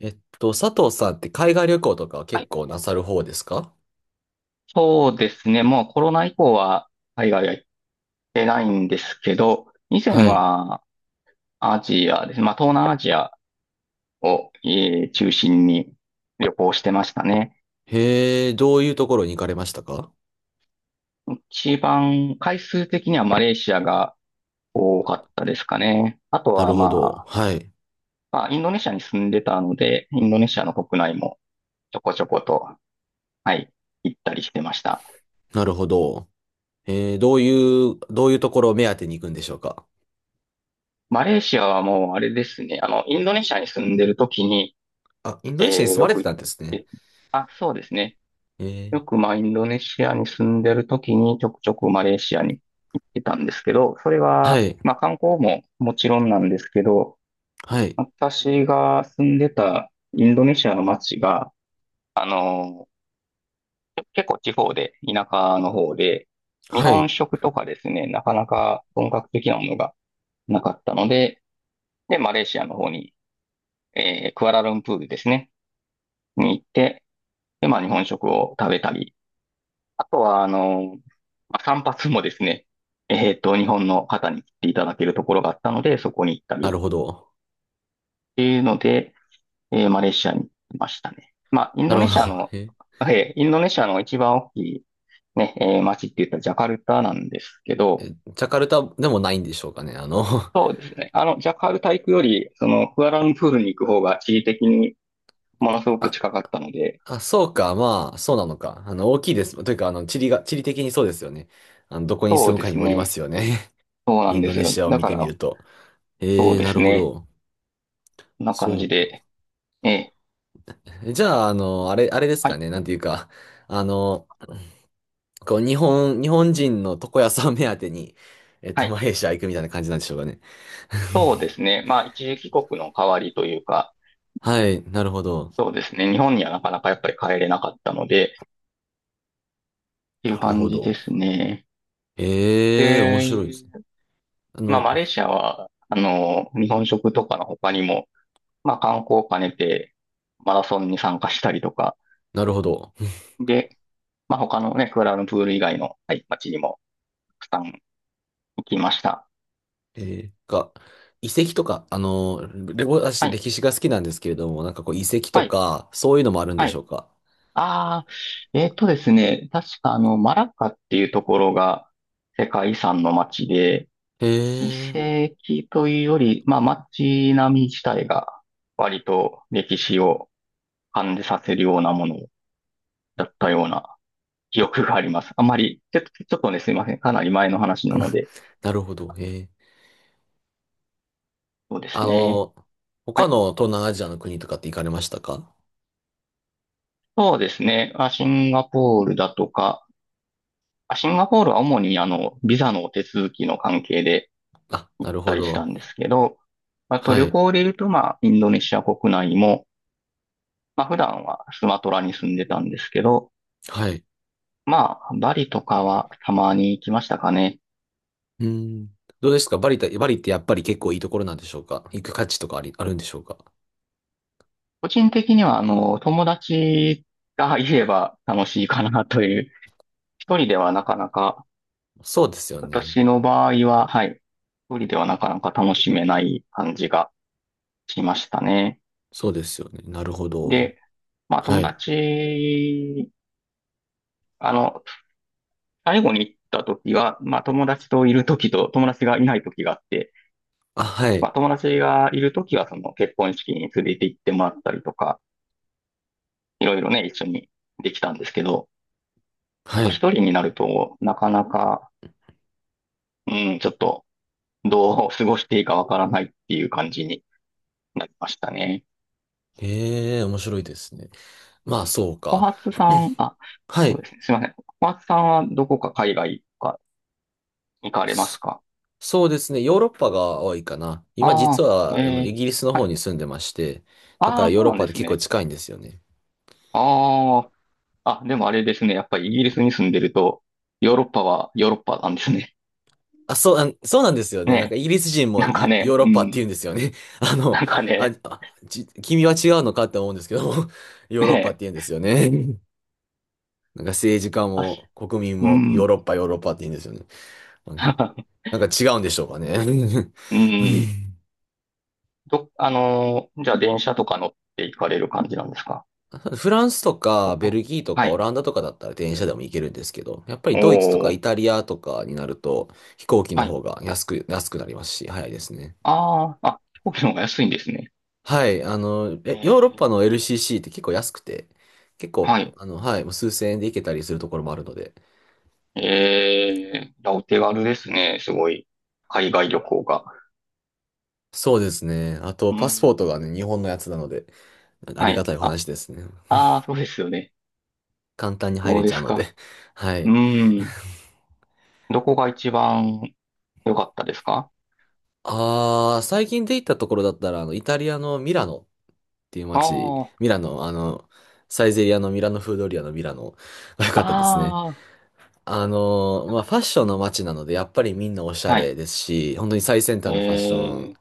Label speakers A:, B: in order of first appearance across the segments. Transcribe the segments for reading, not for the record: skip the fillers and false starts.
A: 佐藤さんって海外旅行とかは
B: は
A: 結
B: い、
A: 構なさる方ですか？
B: そうですね。もうコロナ以降は海外は行ってないんですけど、以前
A: はい。
B: はアジアですね。まあ、東南アジアを、中心に旅行してましたね。
A: へえ、どういうところに行かれましたか？
B: 一番回数的にはマレーシアが多かったですかね。あと
A: な
B: は
A: るほ
B: ま
A: ど。
B: あ、
A: はい。
B: まあ、インドネシアに住んでたので、インドネシアの国内もちょこちょこと、はい、行ったりしてました。
A: なるほど。どういうところを目当てに行くんでしょうか？
B: マレーシアはもうあれですね。あの、インドネシアに住んでる時に、
A: あ、インド
B: え
A: ネシアに住
B: よ
A: まれ
B: く
A: て
B: 行っ
A: たんですね。
B: て、あ、そうですね。
A: えー、
B: よくまあインドネシアに住んでる時にちょくちょくマレーシアに行ってたんですけど、それ
A: は
B: は
A: い。
B: まあ観光ももちろんなんですけど、
A: はい。
B: 私が住んでたインドネシアの街が結構地方で、田舎の方で、日
A: は
B: 本
A: い。
B: 食とかですね、なかなか本格的なものがなかったので、で、マレーシアの方に、クアラルンプールですね、に行って、で、まあ日本食を食べたり、あとは、あの、まあ、散髪もですね、日本の方に来ていただけるところがあったので、そこに行った
A: な
B: りっ
A: るほど。
B: ていうので、マレーシアに行きましたね。まあ、イン
A: な
B: ド
A: る
B: ネ
A: ほど。
B: シアの、
A: え
B: 一番大きいね、街って言ったらジャカルタなんですけど、
A: え、ジャカルタでもないんでしょうかね。
B: そうですね。あの、ジャカルタ行くより、その、クアラルンプールに行く方が地理的にものすごく
A: あ、
B: 近かったので、
A: あ、そうか、まあ、そうなのか。大きいです。というか、地理が、地理的にそうですよね。どこに
B: そ
A: 住
B: う
A: む
B: で
A: かに
B: す
A: もよりま
B: ね。
A: すよね。
B: そうな
A: イ
B: ん
A: ン
B: で
A: ド
B: す
A: ネ
B: よ。
A: シアを
B: だ
A: 見
B: か
A: てみ
B: ら、
A: ると。
B: そう
A: えー、
B: で
A: な
B: す
A: るほ
B: ね。
A: ど。
B: こんな感
A: そ
B: じ
A: うか。
B: で、え
A: じゃあ、あ
B: ー
A: れ、あれです
B: は
A: か
B: い。
A: ね。なんていうか、あの、こう、日本、日本人の床屋さん目当てに、
B: はい、
A: マレーシア行くみたいな感じなんでしょうかね。
B: そうですね。まあ、一時帰国の代わりというか、
A: はい、なるほど。
B: そうですね。日本にはなかなかやっぱり帰れなかったので、っていう
A: なる
B: 感
A: ほ
B: じ
A: ど。
B: ですね。
A: えー、面白いです。
B: で、
A: あ
B: まあ、
A: の、
B: マレーシアは、あの、日本食とかの他にも、まあ、観光を兼ねて、マラソンに参加したりとか、
A: なるほど。
B: で、まあ、他のね、クアラルンプール以外の、はい、街にも、たくさん行きました。
A: えー、か、遺跡とか、レゴ、私、
B: はい、
A: 歴史が好きなんですけれども、なんかこう、遺跡
B: は
A: と
B: い、
A: か、そういうのもあるんで
B: は
A: しょ
B: い。
A: うか。
B: ああ、ですね、確かあの、マラッカっていうところが、世界遺産の街で、
A: え
B: 遺
A: ー、
B: 跡というより、まあ街並み自体が割と歴史を感じさせるようなものだったような記憶があります。あまり、ちょっとね、すいません。かなり前の話なので、
A: なるほど。
B: そうです
A: あ
B: ね。
A: の、
B: は
A: 他
B: い。
A: の東南アジアの国とかって行かれましたか？
B: そうですね。あ、シンガポールだとか、あ、シンガポールは主にあの、ビザの手続きの関係で
A: あ、
B: 行
A: な
B: っ
A: る
B: た
A: ほ
B: りした
A: ど。
B: んですけど、あと
A: は
B: 旅
A: い。
B: 行で言うと、まあ、インドネシア国内も、まあ普段はスマトラに住んでたんですけど、
A: はい。
B: まあ、バリとかはたまに行きましたかね。
A: うん。どうですかバリって、バリってやっぱり結構いいところなんでしょうか、行く価値とかあり、あるんでしょうか？
B: 個人的には、あの、友達がいれば楽しいかなという、一人ではなかなか、
A: そうですよ
B: 私
A: ね。
B: の場合は、はい、一人ではなかなか楽しめない感じがしましたね。
A: そうですよね。なるほど。
B: で、まあ、
A: は
B: 友
A: い。
B: 達、あの、最後に行った時は、まあ、友達といる時と友達がいない時があって、
A: あ、は
B: ま
A: い。
B: あ、友達がいる時は、その結婚式に連れて行ってもらったりとか、いろいろね、一緒にできたんですけど、
A: は
B: 一
A: い。
B: 人になると、なかなか、うん、ちょっと、どう過ごしていいかわからないっていう感じになりましたね。
A: ええ、面白いですね。まあ、そう
B: 小
A: か。
B: 初さん、あ、
A: は
B: そう
A: い。
B: ですね。すいません。小初さんはどこか海外とか行かれます
A: そ
B: か？
A: そうですね。ヨーロッパが多いかな。今
B: あ
A: 実
B: あ、
A: は、イギリスの
B: は
A: 方
B: い。
A: に住んでまして、だか
B: あ
A: ら
B: あ、
A: ヨ
B: そ
A: ー
B: う
A: ロッ
B: なんで
A: パで
B: す
A: 結構
B: ね。
A: 近いんですよね。
B: ああ、あ、でもあれですね。やっぱりイギリスに住んでると、ヨーロッパはヨーロッパなんですね。
A: あ、そう、あそうなんですよ ね。なんか
B: ね
A: イギリス人
B: え。
A: も
B: なんか
A: ヨヨ
B: ね、
A: ーロッ
B: う
A: パって
B: ん。
A: 言うんですよね。あの、
B: なんか
A: あ、
B: ね、
A: あち、君は違うのかって思うんですけど、ヨー
B: ね
A: ロッパって言うん
B: え。
A: ですよね。うん。なんか政治家
B: あ、
A: も国民
B: う
A: もヨー
B: ん。
A: ロッパ、ヨーロッパって言うんですよね。うん。 なんか違うんでしょうかね。うん。
B: うん。ど、あのーじゃあ電車とか乗って行かれる感じなんですか？
A: フランスと
B: こ
A: かベ
B: こ、
A: ルギーとか
B: は
A: オ
B: い。
A: ランダとかだったら電車でも行けるんですけど、やっぱり
B: お
A: ドイツとか
B: ー、
A: イタリアとかになると飛行機の
B: はい。
A: 方が安く、安くなりますし、早いですね。
B: ああ、あ、飛行機の方が安いんですね。
A: はい、
B: えー
A: ヨーロッパの LCC って結構安くて、結構、
B: はい。
A: はい、もう数千円で行けたりするところもあるので。
B: いや、お手軽ですね。すごい。海外旅行が。
A: そうですね。あと、
B: う
A: パスポ
B: ん。
A: ートがね、日本のやつなので、あ
B: は
A: りが
B: い。
A: たいお
B: あ、
A: 話ですね。
B: ああ、そうですよね。
A: 簡単に入
B: そう
A: れち
B: で
A: ゃう
B: す
A: の
B: か。
A: で。は
B: う
A: い。
B: ん。どこが一番良かったですか？
A: ああ、最近で行ったところだったら、イタリアのミラノっていう
B: あ
A: 街、
B: あ、
A: ミラノ、サイゼリアのミラノフードリアのミラノが良 かったですね。
B: あ
A: まあ、ファッションの街なので、やっぱりみんなおし
B: あ、
A: ゃ
B: は
A: れ
B: い。
A: ですし、本当に最先端
B: え
A: のファッション、
B: ー、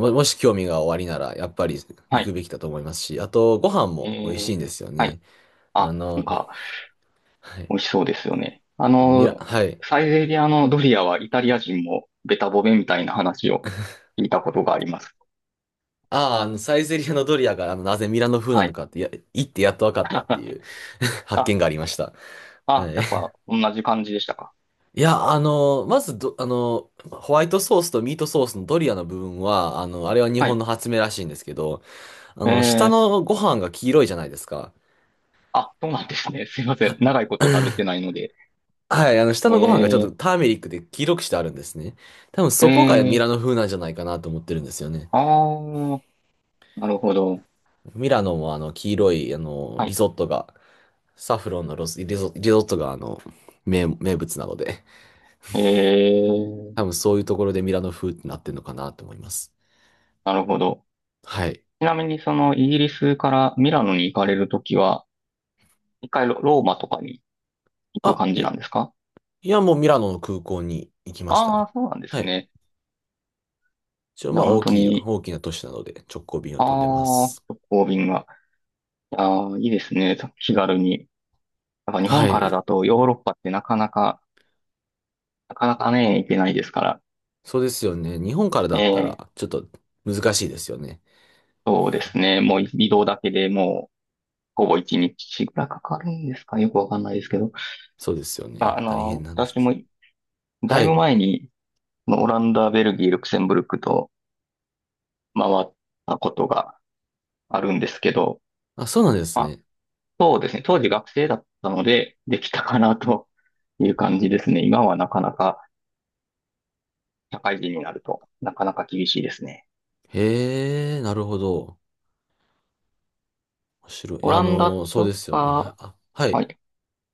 A: も、もし興味がおありなら、やっぱり
B: は
A: 行く
B: い。
A: べきだと思いますし、あと、ご飯
B: え
A: も美味し
B: ー、
A: いんですよ
B: はい。
A: ね。あ
B: あ、な
A: の、
B: んか、
A: はい。
B: 美味しそうですよね。あ
A: ミラ、
B: の、
A: はい。
B: サイゼリアのドリアはイタリア人もベタボベみたいな話を聞いたことがあります。
A: ああ、サイゼリアのドリアが、なぜミラノ風な
B: は
A: の
B: い。
A: かって、や、行ってやっと分かったって いう 発
B: あ、
A: 見がありました。は
B: あ、
A: い。
B: やっぱ同じ感じでしたか。
A: いや、まずど、ホワイトソースとミートソースのドリアの部分は、あれは日
B: は
A: 本
B: い。
A: の発明らしいんですけど、
B: え
A: 下
B: ー、
A: のご飯が黄色いじゃないですか。
B: あ、そうなんですね。すいません。
A: は、
B: 長いこと食べてないので。
A: はい、下のご飯がちょっ
B: え
A: とターメリックで黄色くしてあるんですね。多分
B: ー、
A: そこが
B: え
A: ミ
B: ー、
A: ラノ風なんじゃないかなと思ってるんですよね。
B: あー、なるほど。
A: ミラノも黄色い、
B: は
A: リ
B: い。
A: ゾットが、サフロンのロス、リゾ、リゾットが名、名物なので、
B: えー、
A: 多分そういうところでミラノ風ってなってるのかなと思います。
B: なるほど。
A: はい。
B: ちなみにそのイギリスからミラノに行かれるときは、一回ローマとかに行く
A: あ、
B: 感じ
A: い、
B: なんですか？
A: いや、もうミラノの空港に行きました
B: ああ
A: ね。
B: ー、そうなんです
A: はい。
B: ね。
A: 一応
B: い
A: ま
B: や、
A: あ
B: 本
A: 大
B: 当
A: きい、
B: に、
A: 大きな都市なので直行便を
B: あ
A: 飛んでま
B: あ、
A: す。
B: 直行便が。いやー、いいですね。気軽に。やっぱ日本
A: は
B: から
A: い。
B: だとヨーロッパってなかなかね、行けないですから。
A: そうですよね。日本からだ
B: え
A: った
B: え、
A: ら、ちょっと難しいですよね。
B: そうですね。もう移動だけでもう、ほぼ1日ぐらいかかるんですか？よくわかんないですけど。
A: そうですよ
B: あ、
A: ね。大変な話
B: 私
A: です。
B: もだ
A: は
B: いぶ
A: い。
B: 前に、まあオランダ、ベルギー、ルクセンブルクと回ったことがあるんですけど、
A: あ、そうなんですね。
B: そうですね。当時学生だったので、できたかなという感じですね。今はなかなか、社会人になると、なかなか厳しいですね。
A: へえ、なるほど。面白い。い
B: オ
A: や
B: ランダ
A: そうで
B: と
A: すよね。
B: か、
A: あ、は
B: は
A: い。
B: い。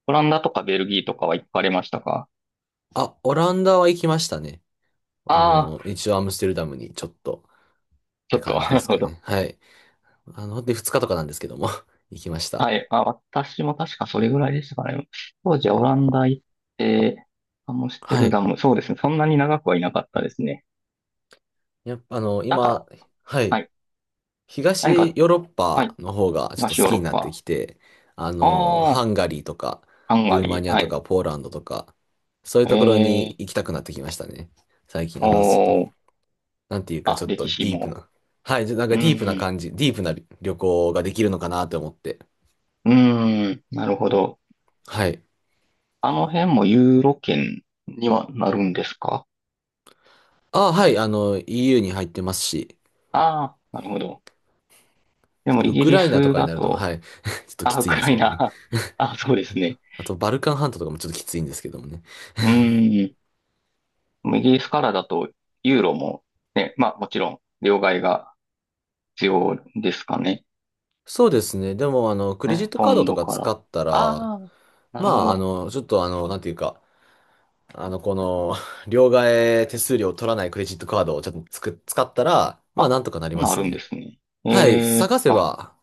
B: オランダとかベルギーとかは行かれましたか？
A: あ、オランダは行きましたね。
B: ああー、
A: 一応アムステルダムにちょっとっ
B: ちょ
A: て
B: っと、
A: 感じで
B: なる
A: す
B: ほ
A: か
B: ど。
A: ね。はい。あの、で、2日とかなんですけども 行きました。
B: はい。あ、私も確かそれぐらいでしたかね。当時はオランダ行って、アムステ
A: は
B: ルダ
A: い。
B: ム、そうですね。そんなに長くはいなかったですね。
A: やっぱ、
B: だか
A: 今、
B: ら、
A: は
B: は
A: い。
B: い。何
A: 東
B: か、
A: ヨーロッ
B: は
A: パ
B: い。
A: の方がちょっと
B: 東
A: 好
B: ヨー
A: き
B: ロッ
A: になって
B: パ。
A: きて、
B: あ
A: ハ
B: あ、
A: ンガリーとか、
B: ハンガ
A: ルーマ
B: リ
A: ニ
B: ー。
A: ア
B: は
A: と
B: い。
A: か、ポーランドとか、そういうところ
B: え
A: に行
B: え
A: きたくなってきましたね。最近、
B: ー、おー、
A: なんていうか、
B: あ、
A: ちょっと
B: 歴史
A: ディープ
B: も。
A: な。はい、じゃなん
B: う
A: かディープな
B: ーん、
A: 感じ、ディープな旅行ができるのかなと思って。
B: うーん、なるほど。
A: はい。
B: あの辺もユーロ圏にはなるんですか？
A: あ、はい、EU に入ってますし、
B: ああー、なるほど。で
A: ちょっ
B: も
A: と
B: イ
A: ウ
B: ギ
A: ク
B: リ
A: ライナと
B: ス
A: かに
B: だ
A: なると、は
B: と、
A: い、ちょっとき
B: あ、ウ
A: つい
B: ク
A: んで
B: ラ
A: すけ
B: イ
A: どね。
B: ナ。あ、そうですね。
A: あと、バルカン半島とかもちょっときついんですけどもね。
B: うーん。でもイギリスからだと、ユーロも、ね、まあもちろん、両替が必要ですかね。
A: そうですね。でも、クレジッ
B: ね、
A: ト
B: ポ
A: カード
B: ン
A: と
B: ド
A: か
B: から。
A: 使ったら、
B: ああ、な
A: ま
B: るほ
A: あ、
B: ど。
A: ちょっとなんていうか、あの、この、両替手数料を取らないクレジットカードをちょっとつく、使ったら、まあ、
B: あ、
A: なんとかなりま
B: 今あ
A: す
B: るんで
A: ね。
B: すね。え
A: はい、
B: え、
A: 探せ
B: あ、
A: ば、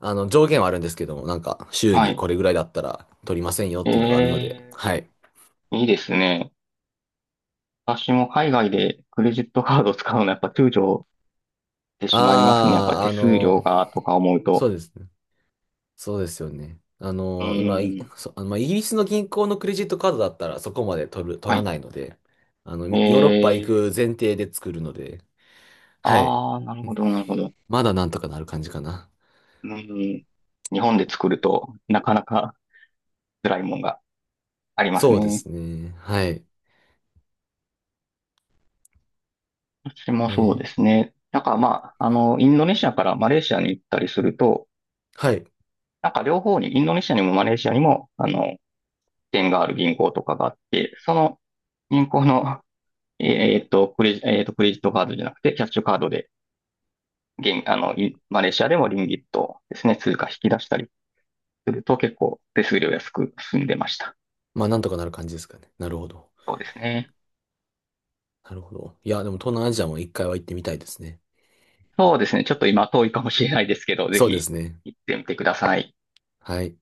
A: 上限はあるんですけども、なんか、週
B: は
A: にこ
B: い。
A: れぐらいだったら取りませんよっ
B: え
A: ていうのがあるので、
B: え、
A: はい。
B: いいですね。私も海外でクレジットカードを使うのはやっぱ躊躇てしまいますね。やっぱ
A: ああ、
B: 手数料がとか思う
A: そう
B: と。
A: ですね。そうですよね。
B: う
A: 今、い
B: ーん。
A: そ、あのまあ、イギリスの銀行のクレジットカードだったらそこまで取る、取
B: は
A: ら
B: い。
A: ないので、
B: え
A: ヨーロッパ行
B: ー、
A: く前提で作るので、はい。
B: ああ、なるほど、なるほど。
A: まだなんとかなる感じかな。
B: うーん。日本で作るとなかなか辛いもんがあります
A: そうで
B: ね。
A: すね。はい。
B: 私も
A: え
B: そうで
A: ー
B: すね。なんかまあ、あの、インドネシアからマレーシアに行ったりすると、
A: はい。
B: なんか両方に、インドネシアにもマレーシアにも、あの、支店がある銀行とかがあって、その銀行の、クレジットカードじゃなくて、キャッシュカードで、現、あの、いマレーシアでもリンギットですね、通貨引き出したりすると結構手数料安く済んでました。
A: まあ、なんとかなる感じですかね。なるほど。
B: そうですね。
A: なるほど。いや、でも東南アジアも一回は行ってみたいですね。
B: そうですね。ちょっと今遠いかもしれないですけど、ぜ
A: そうで
B: ひ
A: すね。
B: 行ってみてください。
A: はい。